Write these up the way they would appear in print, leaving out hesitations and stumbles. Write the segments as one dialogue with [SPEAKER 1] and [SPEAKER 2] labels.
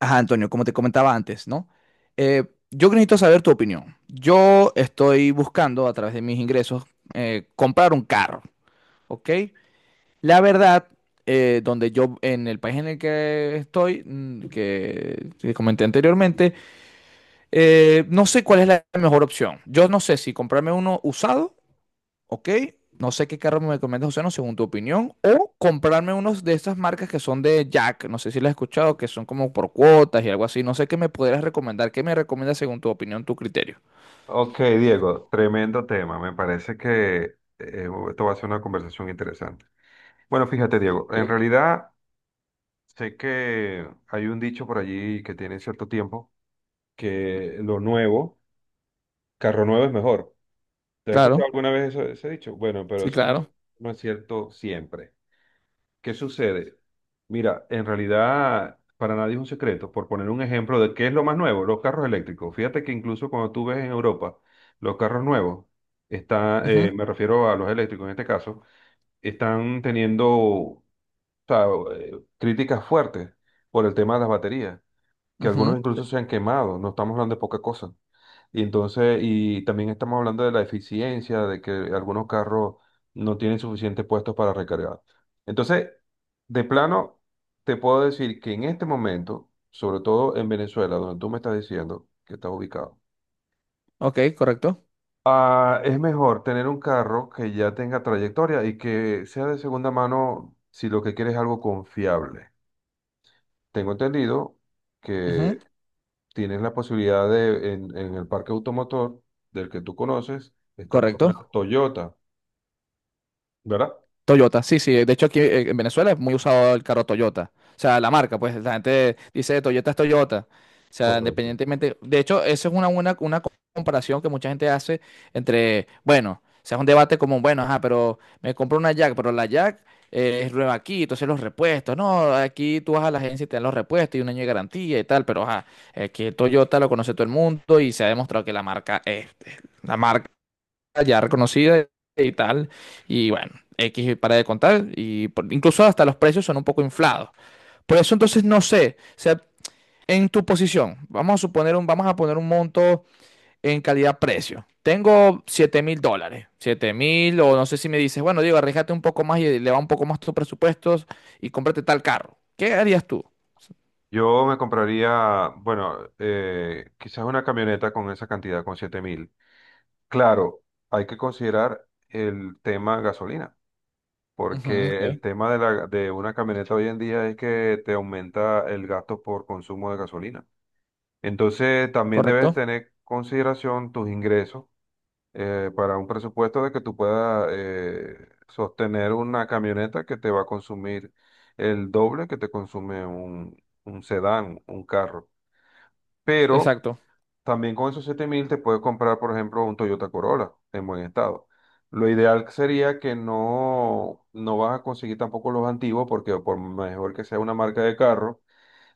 [SPEAKER 1] Ajá, Antonio, como te comentaba antes, ¿no? Eh, yo necesito saber tu opinión. Yo estoy buscando a través de mis ingresos comprar un carro, ¿ok? La verdad, donde yo, en el país en el que estoy, que comenté anteriormente, no sé cuál es la mejor opción. Yo no sé si comprarme uno usado. Ok, no sé qué carro me recomiendas, José, no, según tu opinión. O comprarme unos de estas marcas que son de Jack. No sé si las has escuchado, que son como por cuotas y algo así. No sé qué me podrías recomendar. ¿Qué me recomiendas según tu opinión, tu criterio?
[SPEAKER 2] Ok, Diego, tremendo tema. Me parece que esto va a ser una conversación interesante. Bueno, fíjate, Diego, en
[SPEAKER 1] Ok.
[SPEAKER 2] realidad sé que hay un dicho por allí que tiene cierto tiempo, que lo nuevo, carro nuevo es mejor. ¿Te has
[SPEAKER 1] Claro,
[SPEAKER 2] escuchado alguna vez ese dicho? Bueno, pero
[SPEAKER 1] sí,
[SPEAKER 2] eso no,
[SPEAKER 1] claro.
[SPEAKER 2] no es cierto siempre. ¿Qué sucede? Mira, en realidad para nadie es un secreto. Por poner un ejemplo de qué es lo más nuevo, los carros eléctricos. Fíjate que incluso cuando tú ves en Europa los carros nuevos,
[SPEAKER 1] Ujú,
[SPEAKER 2] me refiero a los eléctricos en este caso, están teniendo o sea, críticas fuertes por el tema de las baterías, que algunos
[SPEAKER 1] ujú.
[SPEAKER 2] incluso se han quemado. No estamos hablando de poca cosa. Y entonces, y también estamos hablando de la eficiencia, de que algunos carros no tienen suficientes puestos para recargar. Entonces, de plano, te puedo decir que en este momento, sobre todo en Venezuela, donde tú me estás diciendo que estás ubicado,
[SPEAKER 1] Ok, correcto.
[SPEAKER 2] es mejor tener un carro que ya tenga trayectoria y que sea de segunda mano si lo que quieres es algo confiable. Tengo entendido
[SPEAKER 1] Ujú.
[SPEAKER 2] que tienes la posibilidad de en el parque automotor del que tú conoces, está por lo
[SPEAKER 1] Correcto.
[SPEAKER 2] menos Toyota, ¿verdad?
[SPEAKER 1] Toyota, sí, sí. De hecho, aquí en Venezuela es muy usado el carro Toyota. O sea, la marca, pues la gente dice Toyota es Toyota. O sea,
[SPEAKER 2] Correcto.
[SPEAKER 1] independientemente. De hecho, esa es una buena una comparación que mucha gente hace entre, bueno, o sea, es un debate como, bueno, ajá, pero me compro una Jack, pero la Jack es nueva aquí, entonces los repuestos. No, aquí tú vas a la agencia y te dan los repuestos y un año de garantía y tal, pero ajá, que Toyota lo conoce todo el mundo y se ha demostrado que la marca es la marca ya reconocida y tal. Y bueno, X para de contar. Incluso hasta los precios son un poco inflados. Por eso entonces no sé. O sea, en tu posición, vamos a poner un monto en calidad-precio. Tengo 7 mil dólares. Siete mil, o no sé si me dices, bueno, Diego, arriesgate un poco más y le va un poco más tus presupuestos y cómprate tal carro. ¿Qué harías tú?
[SPEAKER 2] Yo me compraría, bueno, quizás una camioneta con esa cantidad, con 7.000. Claro, hay que considerar el tema gasolina,
[SPEAKER 1] Ujú,
[SPEAKER 2] porque
[SPEAKER 1] ok.
[SPEAKER 2] el tema de una camioneta hoy en día es que te aumenta el gasto por consumo de gasolina. Entonces, también debes
[SPEAKER 1] Correcto.
[SPEAKER 2] tener consideración tus ingresos para un presupuesto de que tú puedas sostener una camioneta que te va a consumir el doble que te consume un sedán, un carro. Pero
[SPEAKER 1] Exacto.
[SPEAKER 2] también con esos 7.000 te puedes comprar, por ejemplo, un Toyota Corolla en buen estado. Lo ideal sería que no vas a conseguir tampoco los antiguos, porque por mejor que sea una marca de carro,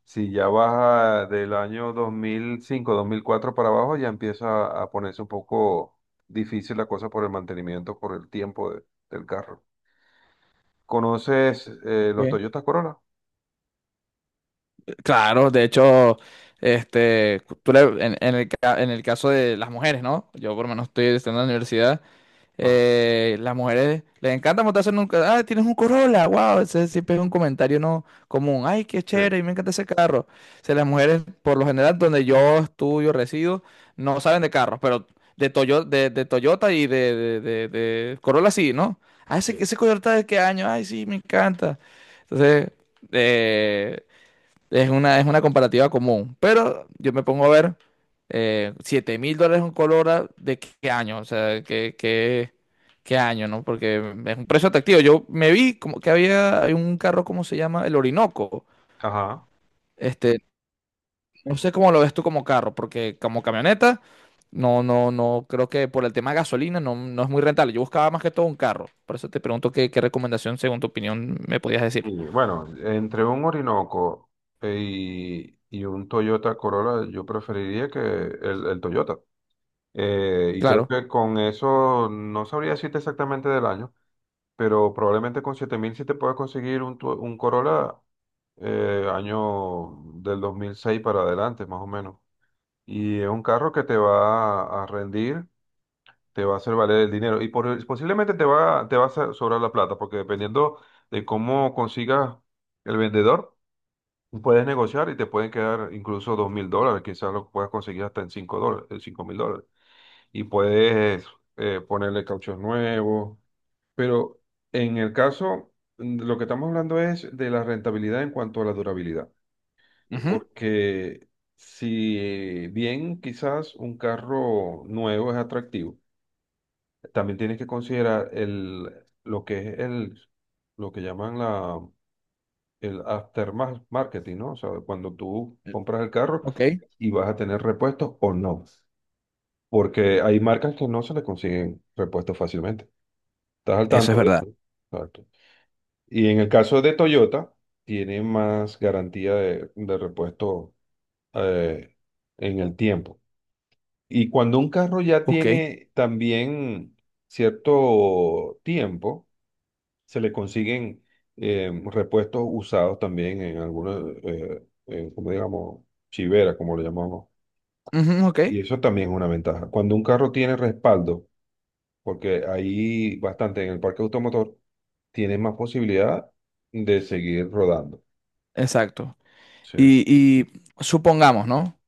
[SPEAKER 2] si ya baja del año dos mil cinco dos mil cuatro para abajo, ya empieza a ponerse un poco difícil la cosa por el mantenimiento, por el tiempo del carro. ¿Conoces los
[SPEAKER 1] Ok.
[SPEAKER 2] Toyota Corolla?
[SPEAKER 1] Claro, de hecho, en el, en el caso de las mujeres, ¿no? Yo por lo menos estoy estudiando en la universidad.
[SPEAKER 2] Ah,
[SPEAKER 1] Las mujeres les encanta montarse en un... Ah, tienes un Corolla, wow, ese siempre es un comentario no común. Ay, qué
[SPEAKER 2] sí,
[SPEAKER 1] chévere, me encanta ese carro. O sea, las mujeres, por lo general, donde yo estudio, resido, no saben de carros, pero de Toyota y de Corolla sí, ¿no? Ah, ese,
[SPEAKER 2] sí.
[SPEAKER 1] ese Toyota de qué año, ay, sí, me encanta. Entonces... Eh, es una comparativa común, pero yo me pongo a ver 7 mil dólares un color ah, de qué qué año, o sea, qué año, ¿no? Porque es un precio atractivo. Yo me vi como que había hay un carro, ¿cómo se llama? El Orinoco.
[SPEAKER 2] Ajá.
[SPEAKER 1] Este, no sé cómo lo ves tú como carro, porque como camioneta, no, creo que por el tema de gasolina no es muy rentable. Yo buscaba más que todo un carro. Por eso te pregunto qué recomendación, según tu opinión, me podías decir.
[SPEAKER 2] Sí, bueno, entre un Orinoco y un Toyota Corolla, yo preferiría el Toyota. Y creo
[SPEAKER 1] Claro.
[SPEAKER 2] que con eso no sabría decirte exactamente del año, pero probablemente con 7.000 sí te puedas conseguir un, un Corolla año del 2006 para adelante, más o menos. Y es un carro que te va a rendir, te va a hacer valer el dinero y posiblemente te va a sobrar la plata, porque dependiendo de cómo consigas el vendedor, puedes negociar y te pueden quedar incluso 2.000 dólares, quizás lo puedas conseguir hasta en 5 dólares, 5.000 dólares. Y puedes ponerle cauchos nuevos, pero en el caso, lo que estamos hablando es de la rentabilidad en cuanto a la durabilidad,
[SPEAKER 1] Ujú.
[SPEAKER 2] porque si bien quizás un carro nuevo es atractivo, también tienes que considerar lo que es lo que llaman el aftermarketing, ¿no? O sea, cuando tú compras el carro
[SPEAKER 1] Ok.
[SPEAKER 2] y vas a tener repuestos o no, porque hay marcas que no se le consiguen repuestos fácilmente. ¿Estás al
[SPEAKER 1] Eso es
[SPEAKER 2] tanto de eso,
[SPEAKER 1] verdad.
[SPEAKER 2] no? Exacto. Y en el caso de Toyota, tiene más garantía de repuesto eh, en el tiempo. Y cuando un carro ya
[SPEAKER 1] Ok.
[SPEAKER 2] tiene también cierto tiempo, se le consiguen repuestos usados también en algunos, como digamos, chivera, como lo llamamos.
[SPEAKER 1] Ujú, ok,
[SPEAKER 2] Y eso también es una ventaja. Cuando un carro tiene respaldo, porque ahí bastante en el parque automotor, tiene más posibilidad de seguir rodando.
[SPEAKER 1] exacto.
[SPEAKER 2] Sí.
[SPEAKER 1] Y supongamos, ¿no?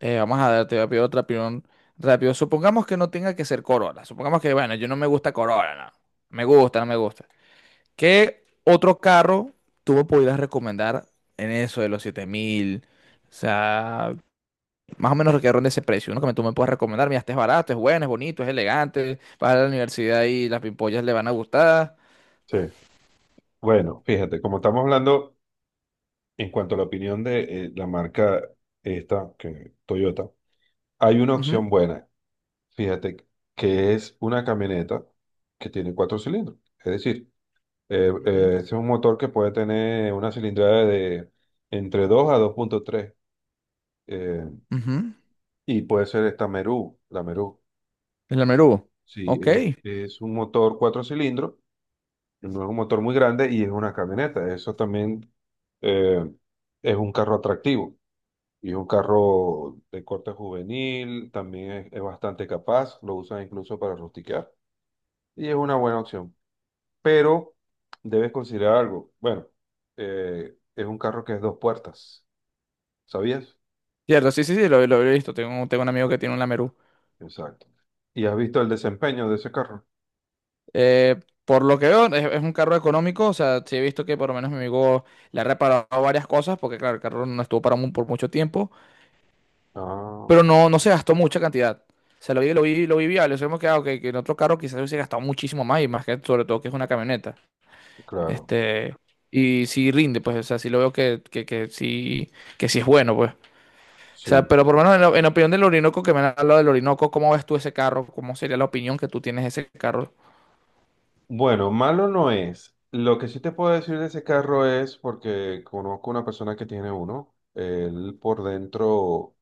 [SPEAKER 1] Vamos a darte rápido otra opinión rápido. Supongamos que no tenga que ser Corolla. Supongamos que, bueno, yo no me gusta Corolla, no. Me gusta, no me gusta. ¿Qué otro carro tú me pudieras recomendar en eso de los siete mil? O sea, más o menos que ronde ese precio. Uno que tú me puedas recomendar. Mira, este es barato, es bueno, es bonito, es elegante. Vas a la universidad y las pimpollas le van a gustar.
[SPEAKER 2] Sí. Bueno, fíjate, como estamos hablando en cuanto a la opinión de la marca esta, que Toyota, hay una
[SPEAKER 1] Ujú,
[SPEAKER 2] opción buena. Fíjate que es una camioneta que tiene cuatro cilindros. Es decir,
[SPEAKER 1] ujú,
[SPEAKER 2] es un motor que puede tener una cilindrada de entre 2 a 2.3. eh,
[SPEAKER 1] ujú.
[SPEAKER 2] y puede ser esta Meru, la Meru.
[SPEAKER 1] El Almerú.
[SPEAKER 2] Sí,
[SPEAKER 1] Ok.
[SPEAKER 2] es un motor cuatro cilindros. No es un motor muy grande y es una camioneta. Eso también eh, es un carro atractivo y es un carro de corte juvenil, también es bastante capaz, lo usan incluso para rustiquear y es una buena opción. Pero debes considerar algo. Bueno, es un carro que es dos puertas, ¿sabías?
[SPEAKER 1] Cierto, sí, sí, sí, lo he visto. Tengo un amigo que
[SPEAKER 2] Exacto.
[SPEAKER 1] tiene un Lamerú.
[SPEAKER 2] Exacto. ¿Y has visto el desempeño de ese carro?
[SPEAKER 1] Eh, por lo que veo, es un carro económico. O sea, sí he visto que por lo menos mi amigo le ha reparado varias cosas, porque claro, el carro no estuvo parado por mucho tiempo,
[SPEAKER 2] Ah,
[SPEAKER 1] pero no se gastó mucha cantidad. O sea, lo vi viable. Eso hemos quedado que, ah, ok, que en otro carro quizás hubiese gastado muchísimo más, y más que sobre todo que es una camioneta.
[SPEAKER 2] claro,
[SPEAKER 1] Este, y sí rinde, pues, o sea, sí lo veo que sí es bueno, pues. O
[SPEAKER 2] sí.
[SPEAKER 1] sea, pero por lo menos en opinión del Orinoco, que me han hablado del Orinoco, ¿cómo ves tú ese carro? ¿Cómo sería la opinión que tú tienes de ese carro?
[SPEAKER 2] Bueno, malo no es. Lo que sí te puedo decir de ese carro es porque conozco una persona que tiene uno. Él por dentro,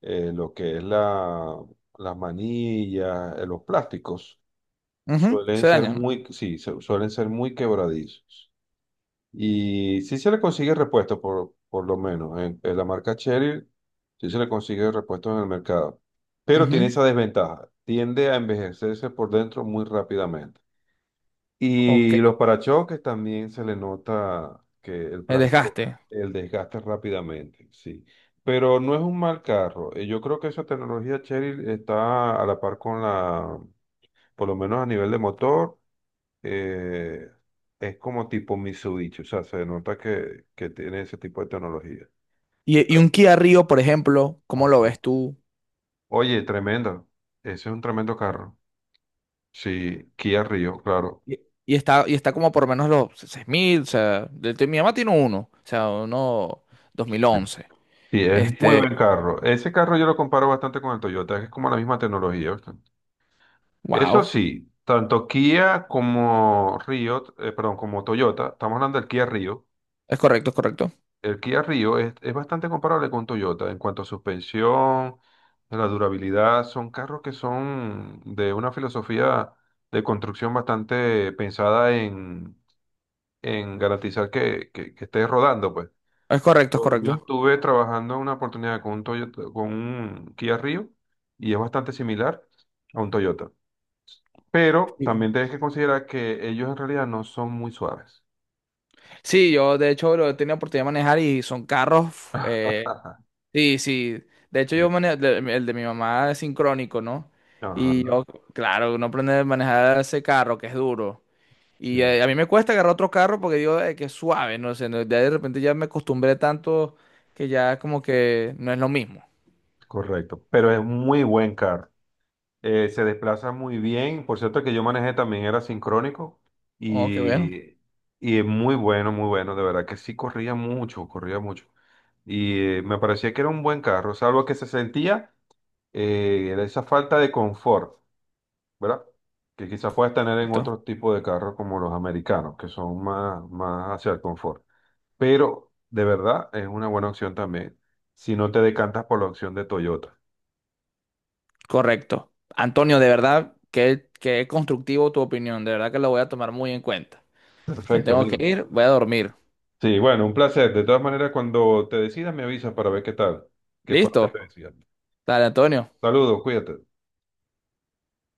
[SPEAKER 2] lo que es las manillas, los plásticos,
[SPEAKER 1] Ujú. Se dañan.
[SPEAKER 2] sí, suelen ser muy quebradizos. Y sí se le consigue repuesto, por lo menos. En la marca Chery, sí se le consigue repuesto en el mercado. Pero tiene
[SPEAKER 1] Ujú.
[SPEAKER 2] esa desventaja. Tiende a envejecerse por dentro muy rápidamente.
[SPEAKER 1] Ok,
[SPEAKER 2] Y los parachoques también se le nota que el
[SPEAKER 1] el
[SPEAKER 2] plástico,
[SPEAKER 1] desgaste.
[SPEAKER 2] el desgaste rápidamente, sí. Pero no es un mal carro. Yo creo que esa tecnología Chery está a la par con la, por lo menos a nivel de motor, eh, es como tipo Mitsubishi. O sea, se nota que tiene ese tipo de tecnología. ¿Tú
[SPEAKER 1] Y
[SPEAKER 2] crees?
[SPEAKER 1] un Kia Rio, por ejemplo, ¿cómo lo
[SPEAKER 2] Ajá.
[SPEAKER 1] ves tú?
[SPEAKER 2] Oye, tremendo. Ese es un tremendo carro. Sí, Kia Rio, claro.
[SPEAKER 1] Y, y está, y está como por menos los seis mil, o sea, mi mamá tiene uno, o sea, uno dos mil once.
[SPEAKER 2] Sí, es muy buen
[SPEAKER 1] Este,
[SPEAKER 2] carro. Ese carro yo lo comparo bastante con el Toyota, que es como la misma tecnología, ¿viste? Eso
[SPEAKER 1] wow,
[SPEAKER 2] sí, tanto Kia como Rio, perdón, como Toyota, estamos hablando del Kia Rio.
[SPEAKER 1] es correcto, es correcto.
[SPEAKER 2] El Kia Rio es bastante comparable con Toyota en cuanto a suspensión, la durabilidad. Son carros que son de una filosofía de construcción bastante pensada en garantizar que estés rodando, pues.
[SPEAKER 1] Es correcto, es
[SPEAKER 2] Yo
[SPEAKER 1] correcto.
[SPEAKER 2] estuve trabajando en una oportunidad con un Toyota, con un Kia Rio y es bastante similar a un Toyota. Pero
[SPEAKER 1] Sí.
[SPEAKER 2] también tienes que considerar que ellos en realidad no son muy suaves.
[SPEAKER 1] Sí, yo de hecho lo he tenido oportunidad de manejar y son carros, eh,
[SPEAKER 2] Ajá,
[SPEAKER 1] sí, sí. De hecho yo
[SPEAKER 2] sí.
[SPEAKER 1] manejo, el de mi mamá es sincrónico, ¿no?
[SPEAKER 2] Ajá,
[SPEAKER 1] Y yo, claro, uno aprende a manejar ese carro que es duro.
[SPEAKER 2] sí,
[SPEAKER 1] Y mí me cuesta agarrar otro carro porque digo "Ay, que es suave, no sé, ya de repente ya me acostumbré tanto que ya como que no es lo mismo.
[SPEAKER 2] correcto. Pero es muy buen carro. Se desplaza muy bien. Por cierto, el que yo manejé también era sincrónico
[SPEAKER 1] Oh, qué bueno.
[SPEAKER 2] y, y es muy bueno, muy bueno. De verdad que sí corría mucho, corría mucho. Y me parecía que era un buen carro, salvo que se sentía esa falta de confort, ¿verdad? Que quizás puedas tener en
[SPEAKER 1] Correcto.
[SPEAKER 2] otro tipo de carros como los americanos, que son más, más hacia el confort. Pero de verdad es una buena opción también si no te decantas por la opción de Toyota.
[SPEAKER 1] Correcto. Antonio, de verdad, que constructivo tu opinión, de verdad que lo voy a tomar muy en cuenta. Me
[SPEAKER 2] Perfecto,
[SPEAKER 1] tengo que
[SPEAKER 2] amigo.
[SPEAKER 1] ir, voy a dormir.
[SPEAKER 2] Sí, bueno, un placer. De todas maneras, cuando te decidas, me avisas para ver qué tal, qué fue lo que
[SPEAKER 1] ¿Listo?
[SPEAKER 2] te decían.
[SPEAKER 1] Dale, Antonio.
[SPEAKER 2] Saludos, cuídate.